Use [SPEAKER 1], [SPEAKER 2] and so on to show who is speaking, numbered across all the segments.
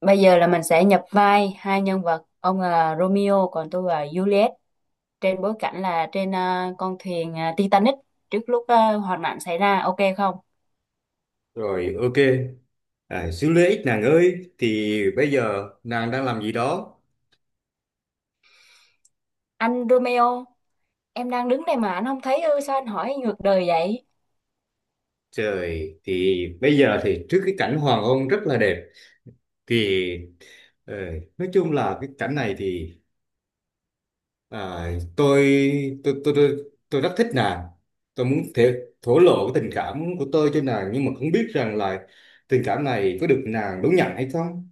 [SPEAKER 1] Bây giờ là mình sẽ nhập vai hai nhân vật, ông là Romeo còn tôi là Juliet, trên bối cảnh là trên con thuyền Titanic, trước lúc hoạn nạn xảy ra, ok không?
[SPEAKER 2] Rồi, ok. Xíu lấy ích nàng ơi thì bây giờ nàng đang làm gì đó?
[SPEAKER 1] Anh Romeo, em đang đứng đây mà anh không thấy ư, sao anh hỏi ngược đời vậy?
[SPEAKER 2] Trời, thì bây giờ thì trước cái cảnh hoàng hôn rất là đẹp thì ờ, nói chung là cái cảnh này thì à, tôi, tôi rất thích nàng. Tôi muốn thổ lộ cái tình cảm của tôi cho nàng nhưng mà không biết rằng là tình cảm này có được nàng đón nhận hay không.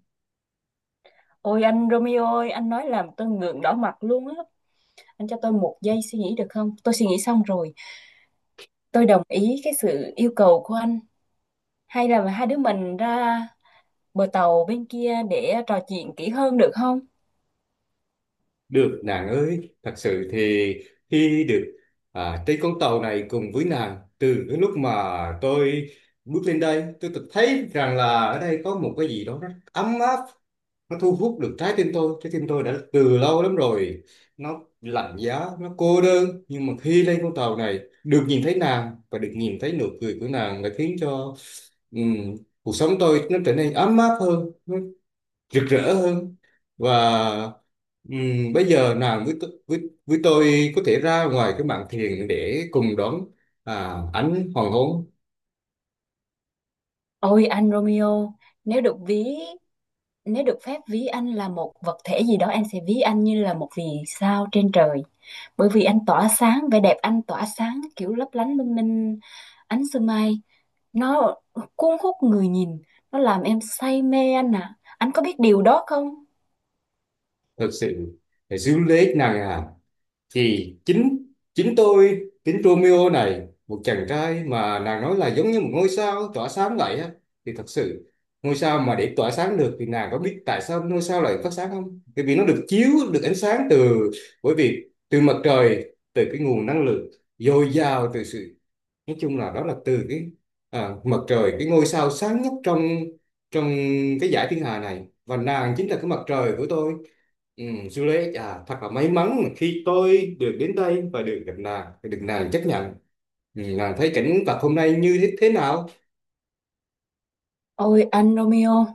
[SPEAKER 1] Ôi anh Romeo ơi, anh nói làm tôi ngượng đỏ mặt luôn á. Anh cho tôi một giây suy nghĩ được không? Tôi suy nghĩ xong rồi, tôi đồng ý cái sự yêu cầu của anh. Hay là hai đứa mình ra bờ tàu bên kia để trò chuyện kỹ hơn được không?
[SPEAKER 2] Được nàng ơi, thật sự thì khi được trên con tàu này cùng với nàng từ cái lúc mà tôi bước lên đây tôi tự thấy rằng là ở đây có một cái gì đó rất ấm áp, nó thu hút được trái tim tôi. Trái tim tôi đã từ lâu lắm rồi nó lạnh giá, nó cô đơn, nhưng mà khi lên con tàu này được nhìn thấy nàng và được nhìn thấy nụ cười của nàng đã khiến cho ừm, cuộc sống tôi nó trở nên ấm áp hơn, rực rỡ hơn. Và bây giờ nàng với với tôi có thể ra ngoài cái mạn thuyền để cùng đón ánh hoàng hôn.
[SPEAKER 1] Ôi anh Romeo, nếu được ví nếu được phép ví anh là một vật thể gì đó, em sẽ ví anh như là một vì sao trên trời. Bởi vì anh tỏa sáng, vẻ đẹp anh tỏa sáng kiểu lấp lánh lung linh ánh sương mai, nó cuốn hút người nhìn, nó làm em say mê anh ạ. Anh có biết điều đó không?
[SPEAKER 2] Thật sự phải giữ lấy nàng, à thì chính chính tôi, chính Romeo này, một chàng trai mà nàng nói là giống như một ngôi sao tỏa sáng vậy á, thì thật sự ngôi sao mà để tỏa sáng được thì nàng có biết tại sao ngôi sao lại phát sáng không? Bởi vì nó được chiếu được ánh sáng từ, bởi vì từ mặt trời, từ cái nguồn năng lượng dồi dào, từ sự, nói chung là đó là từ cái mặt trời, cái ngôi sao sáng nhất trong trong cái dải thiên hà này, và nàng chính là cái mặt trời của tôi. Ừ, Juliet à, thật là may mắn mà khi tôi được đến đây và được gặp nàng, được nàng chấp nhận. Ừ, nàng thấy cảnh vật hôm nay như thế thế nào?
[SPEAKER 1] Ôi anh Romeo,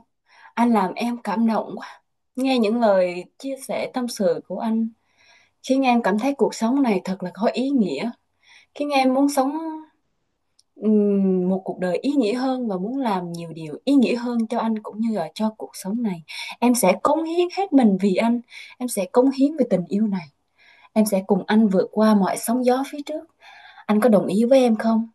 [SPEAKER 1] anh làm em cảm động quá. Nghe những lời chia sẻ tâm sự của anh khiến em cảm thấy cuộc sống này thật là có ý nghĩa, khiến em muốn sống một cuộc đời ý nghĩa hơn và muốn làm nhiều điều ý nghĩa hơn cho anh cũng như là cho cuộc sống này. Em sẽ cống hiến hết mình vì anh, em sẽ cống hiến về tình yêu này, em sẽ cùng anh vượt qua mọi sóng gió phía trước. Anh có đồng ý với em không?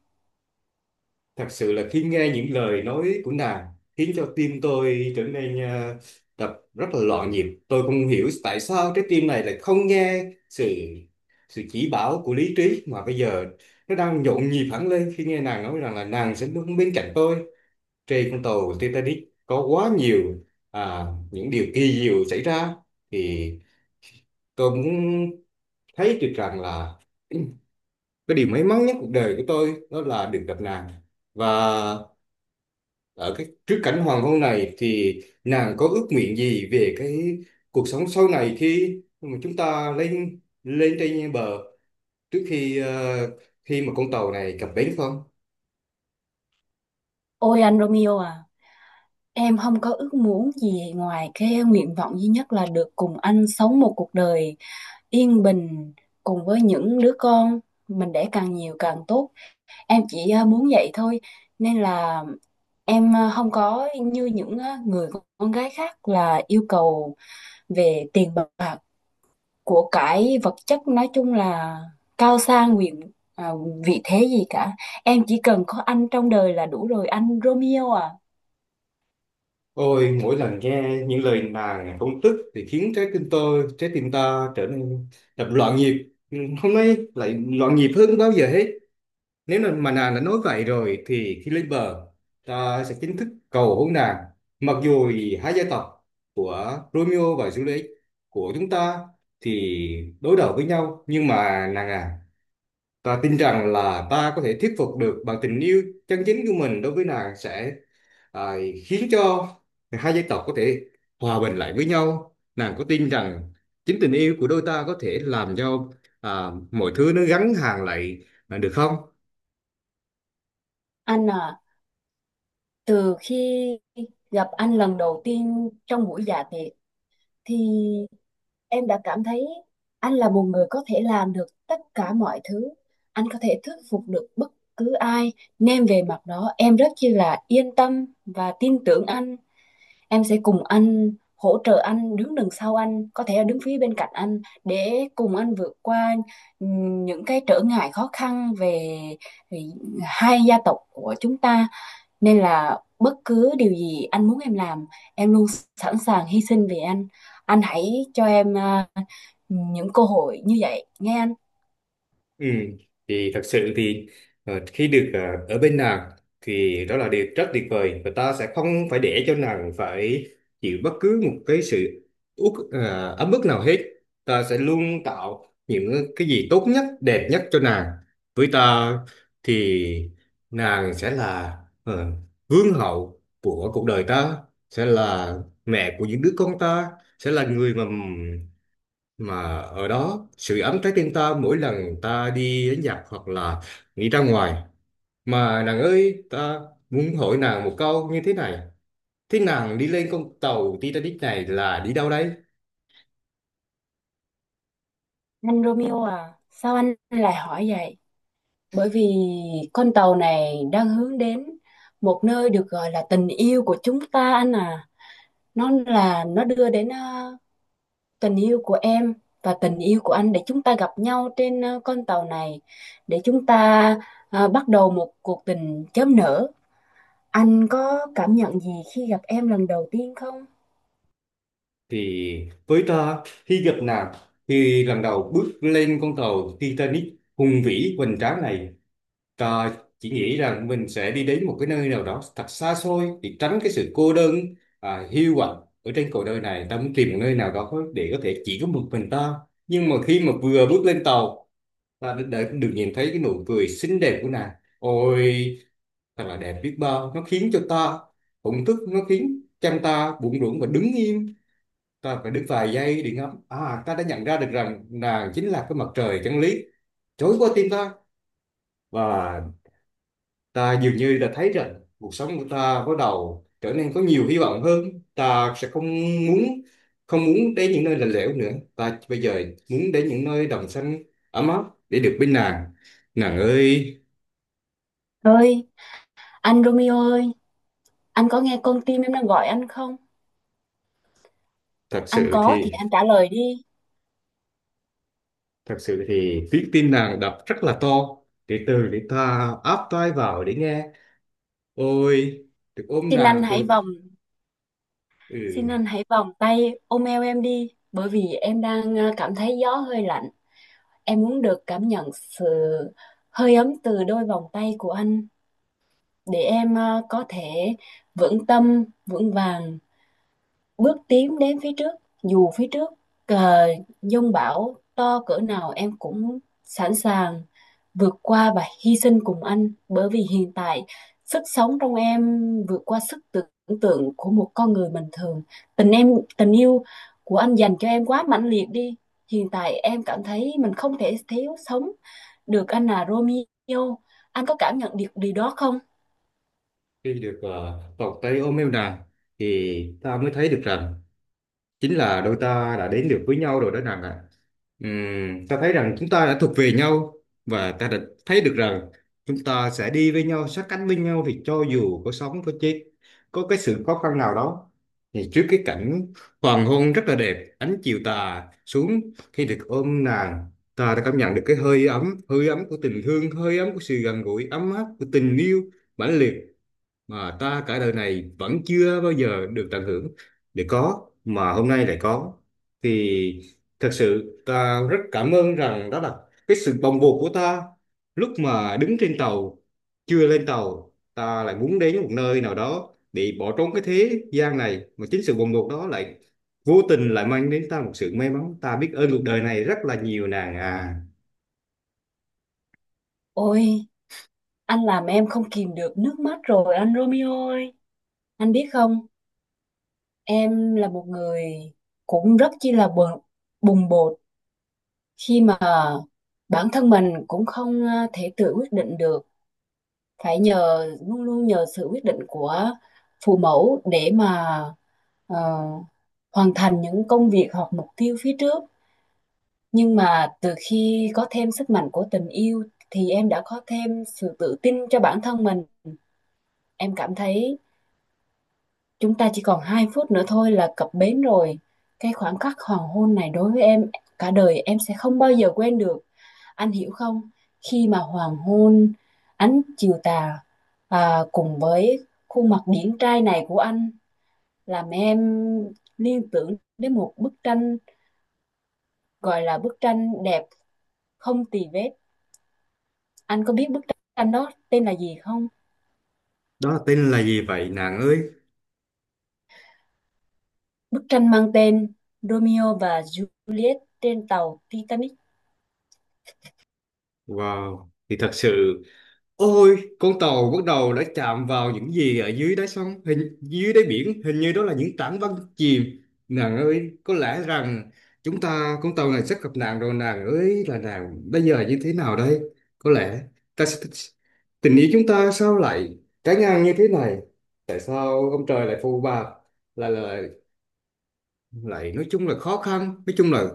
[SPEAKER 2] Thật sự là khi nghe những lời nói của nàng khiến cho tim tôi trở nên đập rất là loạn nhịp. Tôi không hiểu tại sao trái tim này lại không nghe sự sự chỉ bảo của lý trí, mà bây giờ nó đang nhộn nhịp hẳn lên khi nghe nàng nói rằng là nàng sẽ luôn bên cạnh tôi. Trên con tàu Titanic có quá nhiều những điều kỳ diệu xảy ra, thì tôi muốn thấy được rằng là cái điều may mắn nhất cuộc đời của tôi đó là được gặp nàng. Và ở cái trước cảnh hoàng hôn này thì nàng có ước nguyện gì về cái cuộc sống sau này khi mà chúng ta lên lên trên bờ, trước khi khi mà con tàu này cập bến không?
[SPEAKER 1] Ôi anh Romeo à, em không có ước muốn gì ngoài cái nguyện vọng duy nhất là được cùng anh sống một cuộc đời yên bình, cùng với những đứa con mình đẻ càng nhiều càng tốt. Em chỉ muốn vậy thôi, nên là em không có như những người con gái khác là yêu cầu về tiền bạc, của cải vật chất, nói chung là cao sang quyền ờ, vị thế gì cả. Em chỉ cần có anh trong đời là đủ rồi, anh Romeo à.
[SPEAKER 2] Ôi, mỗi lần nghe những lời nàng công tức thì khiến trái tim tôi, trái tim ta trở nên đập loạn nhịp, hôm nay lại loạn nhịp hơn bao giờ hết. Nếu mà nàng đã nói vậy rồi thì khi lên bờ ta sẽ chính thức cầu hôn nàng. Mặc dù thì hai gia tộc của Romeo và Juliet, của chúng ta, thì đối đầu với nhau, nhưng mà nàng à, ta tin rằng là ta có thể thuyết phục được bằng tình yêu chân chính của mình. Đối với nàng sẽ à, khiến cho hai gia tộc có thể hòa bình lại với nhau. Nàng có tin rằng chính tình yêu của đôi ta có thể làm cho mọi thứ nó gắn hàng lại được không?
[SPEAKER 1] Anh à, từ khi gặp anh lần đầu tiên trong buổi dạ tiệc thì em đã cảm thấy anh là một người có thể làm được tất cả mọi thứ, anh có thể thuyết phục được bất cứ ai, nên về mặt đó em rất chi là yên tâm và tin tưởng anh. Em sẽ cùng anh, hỗ trợ anh, đứng đằng sau anh, có thể là đứng phía bên cạnh anh, để cùng anh vượt qua những cái trở ngại khó khăn về hai gia tộc của chúng ta. Nên là bất cứ điều gì anh muốn em làm, em luôn sẵn sàng hy sinh vì anh. Anh hãy cho em những cơ hội như vậy, nghe anh.
[SPEAKER 2] Ừ, thì thật sự thì khi được ở bên nàng thì đó là điều rất tuyệt vời, và ta sẽ không phải để cho nàng phải chịu bất cứ một cái sự ấm ức nào hết. Ta sẽ luôn tạo những cái gì tốt nhất, đẹp nhất cho nàng. Với ta thì nàng sẽ là ờ, vương hậu của cuộc đời ta, sẽ là mẹ của những đứa con ta, sẽ là người mà ở đó sự ấm trái tim ta mỗi lần ta đi đến giặc hoặc là đi ra ngoài. Mà nàng ơi, ta muốn hỏi nàng một câu như thế này, thế nàng đi lên con tàu Titanic này là đi đâu đấy?
[SPEAKER 1] Anh Romeo à, sao anh lại hỏi vậy? Bởi vì con tàu này đang hướng đến một nơi được gọi là tình yêu của chúng ta, anh à. Nó đưa đến tình yêu của em và tình yêu của anh, để chúng ta gặp nhau trên con tàu này, để chúng ta bắt đầu một cuộc tình chớm nở. Anh có cảm nhận gì khi gặp em lần đầu tiên không?
[SPEAKER 2] Thì với ta, khi gặp nàng, khi lần đầu bước lên con tàu Titanic hùng vĩ hoành tráng này, ờ, chỉ nghĩ rằng mình sẽ đi đến một cái nơi nào đó thật xa xôi để tránh cái sự cô đơn, hiu quạnh ở trên cuộc đời này. Ta muốn tìm một nơi nào đó để có thể chỉ có một mình ta, nhưng mà khi mà vừa bước lên tàu ta đã được nhìn thấy cái nụ cười xinh đẹp của nàng. Ôi, thật là đẹp biết bao, nó khiến cho ta thổn thức, nó khiến chân ta bủn rủn và đứng im. Ta phải đứng vài giây để ngắm, à ta đã nhận ra được rằng nàng chính là cái mặt trời chân lý trỗi qua tim ta. Và ta dường như đã thấy rằng cuộc sống của ta bắt đầu trở nên có nhiều hy vọng hơn. Ta sẽ không muốn, không muốn đến những nơi lạnh lẽo nữa. Ta bây giờ muốn đến những nơi đồng xanh, ấm áp, để được bên nàng, nàng ơi.
[SPEAKER 1] Ơi, anh Romeo ơi, anh có nghe con tim em đang gọi anh không?
[SPEAKER 2] Thật
[SPEAKER 1] Anh
[SPEAKER 2] sự
[SPEAKER 1] có thì
[SPEAKER 2] thì,
[SPEAKER 1] anh trả lời đi.
[SPEAKER 2] thật sự thì tiếng tim nàng đập rất là to, từ từ để ta áp tai vào để nghe. Ôi, được ôm
[SPEAKER 1] Xin
[SPEAKER 2] nàng
[SPEAKER 1] anh hãy
[SPEAKER 2] từ,
[SPEAKER 1] vòng,
[SPEAKER 2] ừ,
[SPEAKER 1] Xin anh hãy vòng tay ôm eo em đi, bởi vì em đang cảm thấy gió hơi lạnh. Em muốn được cảm nhận sự hơi ấm từ đôi vòng tay của anh, để em có thể vững tâm, vững vàng bước tiến đến phía trước. Dù phía trước ờ, dông bão to cỡ nào em cũng sẵn sàng vượt qua và hy sinh cùng anh, bởi vì hiện tại sức sống trong em vượt qua sức tưởng tượng của một con người bình thường. tình em Tình yêu của anh dành cho em quá mãnh liệt đi. Hiện tại em cảm thấy mình không thể thiếu sống được anh, là Romeo. Anh có cảm nhận được điều đó không?
[SPEAKER 2] khi được vòng tay ôm em nàng thì ta mới thấy được rằng chính là đôi ta đã đến được với nhau rồi đó nàng ạ. Ta thấy rằng chúng ta đã thuộc về nhau, và ta đã thấy được rằng chúng ta sẽ đi với nhau, sát cánh với nhau, thì cho dù có sống có chết, có cái sự khó khăn nào đó, thì trước cái cảnh hoàng hôn rất là đẹp, ánh chiều tà xuống, khi được ôm nàng, ta đã cảm nhận được cái hơi ấm, hơi ấm của tình thương, hơi ấm của sự gần gũi ấm áp của tình yêu mãnh liệt mà ta cả đời này vẫn chưa bao giờ được tận hưởng, để có mà hôm nay lại có. Thì thật sự ta rất cảm ơn rằng đó là cái sự bồng bột của ta lúc mà đứng trên tàu, chưa lên tàu, ta lại muốn đến một nơi nào đó để bỏ trốn cái thế gian này, mà chính sự bồng bột đó lại vô tình lại mang đến ta một sự may mắn. Ta biết ơn cuộc đời này rất là nhiều, nàng à.
[SPEAKER 1] Ôi, anh làm em không kìm được nước mắt rồi, anh Romeo ơi. Anh biết không, em là một người cũng rất chi là bùng bột, khi mà bản thân mình cũng không thể tự quyết định được, phải nhờ, luôn luôn nhờ sự quyết định của phụ mẫu để mà ờ, hoàn thành những công việc hoặc mục tiêu phía trước. Nhưng mà từ khi có thêm sức mạnh của tình yêu thì em đã có thêm sự tự tin cho bản thân mình. Em cảm thấy chúng ta chỉ còn 2 phút nữa thôi là cập bến rồi. Cái khoảnh khắc hoàng hôn này đối với em, cả đời em sẽ không bao giờ quên được. Anh hiểu không? Khi mà hoàng hôn, ánh chiều tà cùng với khuôn mặt điển trai này của anh làm em liên tưởng đến một bức tranh, gọi là bức tranh đẹp không tì vết. Anh có biết bức tranh đó tên là gì không?
[SPEAKER 2] Đó là tên là gì vậy nàng ơi?
[SPEAKER 1] Bức tranh mang tên Romeo và Juliet trên tàu Titanic.
[SPEAKER 2] Wow, thì thật sự, ôi, con tàu bắt đầu đã chạm vào những gì ở dưới đáy sông, hình dưới đáy biển, hình như đó là những tảng băng chìm. Nàng ơi, có lẽ rằng chúng ta, con tàu này sắp gặp nạn rồi nàng ơi, là nàng bây giờ như thế nào đây? Có lẽ ta sẽ, tình yêu chúng ta sao lại trái ngang như thế này? Tại sao ông trời lại phù bạc? Là lại nói chung là khó khăn, nói chung là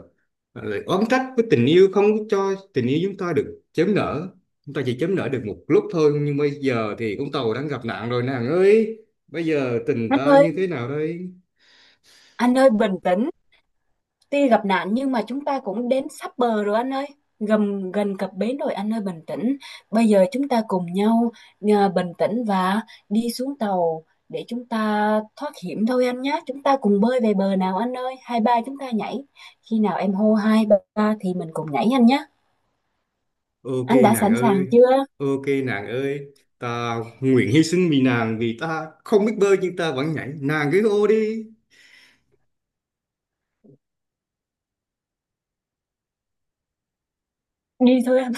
[SPEAKER 2] lại oán trách với tình yêu, không có cho tình yêu chúng ta được chớm nở. Chúng ta chỉ chớm nở được một lúc thôi, nhưng bây giờ thì con tàu đang gặp nạn rồi nàng ơi, bây giờ tình
[SPEAKER 1] Anh
[SPEAKER 2] ta
[SPEAKER 1] ơi,
[SPEAKER 2] như thế nào đây?
[SPEAKER 1] anh ơi bình tĩnh. Tuy gặp nạn nhưng mà chúng ta cũng đến sắp bờ rồi anh ơi. Gần gần cập bến rồi anh ơi, bình tĩnh. Bây giờ chúng ta cùng nhau bình tĩnh và đi xuống tàu để chúng ta thoát hiểm thôi anh nhé. Chúng ta cùng bơi về bờ nào anh ơi. Hai ba chúng ta nhảy. Khi nào em hô hai ba thì mình cùng nhảy anh nhé.
[SPEAKER 2] Ok
[SPEAKER 1] Anh đã
[SPEAKER 2] nàng
[SPEAKER 1] sẵn sàng
[SPEAKER 2] ơi.
[SPEAKER 1] chưa?
[SPEAKER 2] Ok nàng ơi, ta nguyện hy sinh vì nàng, vì ta không biết bơi nhưng ta vẫn nhảy, nàng cứ ô đi.
[SPEAKER 1] Đi thôi anh.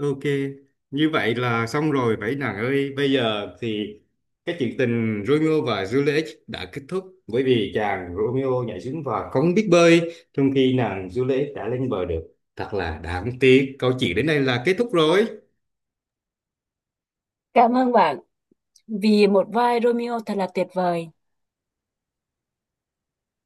[SPEAKER 2] Ok, như vậy là xong rồi vậy nàng ơi. Bây giờ thì cái chuyện tình Romeo và Juliet đã kết thúc, bởi vì chàng Romeo nhảy xuống và không biết bơi, trong khi nàng Juliet đã lên bờ được. Thật là đáng tiếc. Câu chuyện đến đây là kết thúc rồi.
[SPEAKER 1] Cảm ơn bạn vì một vai Romeo thật là tuyệt vời.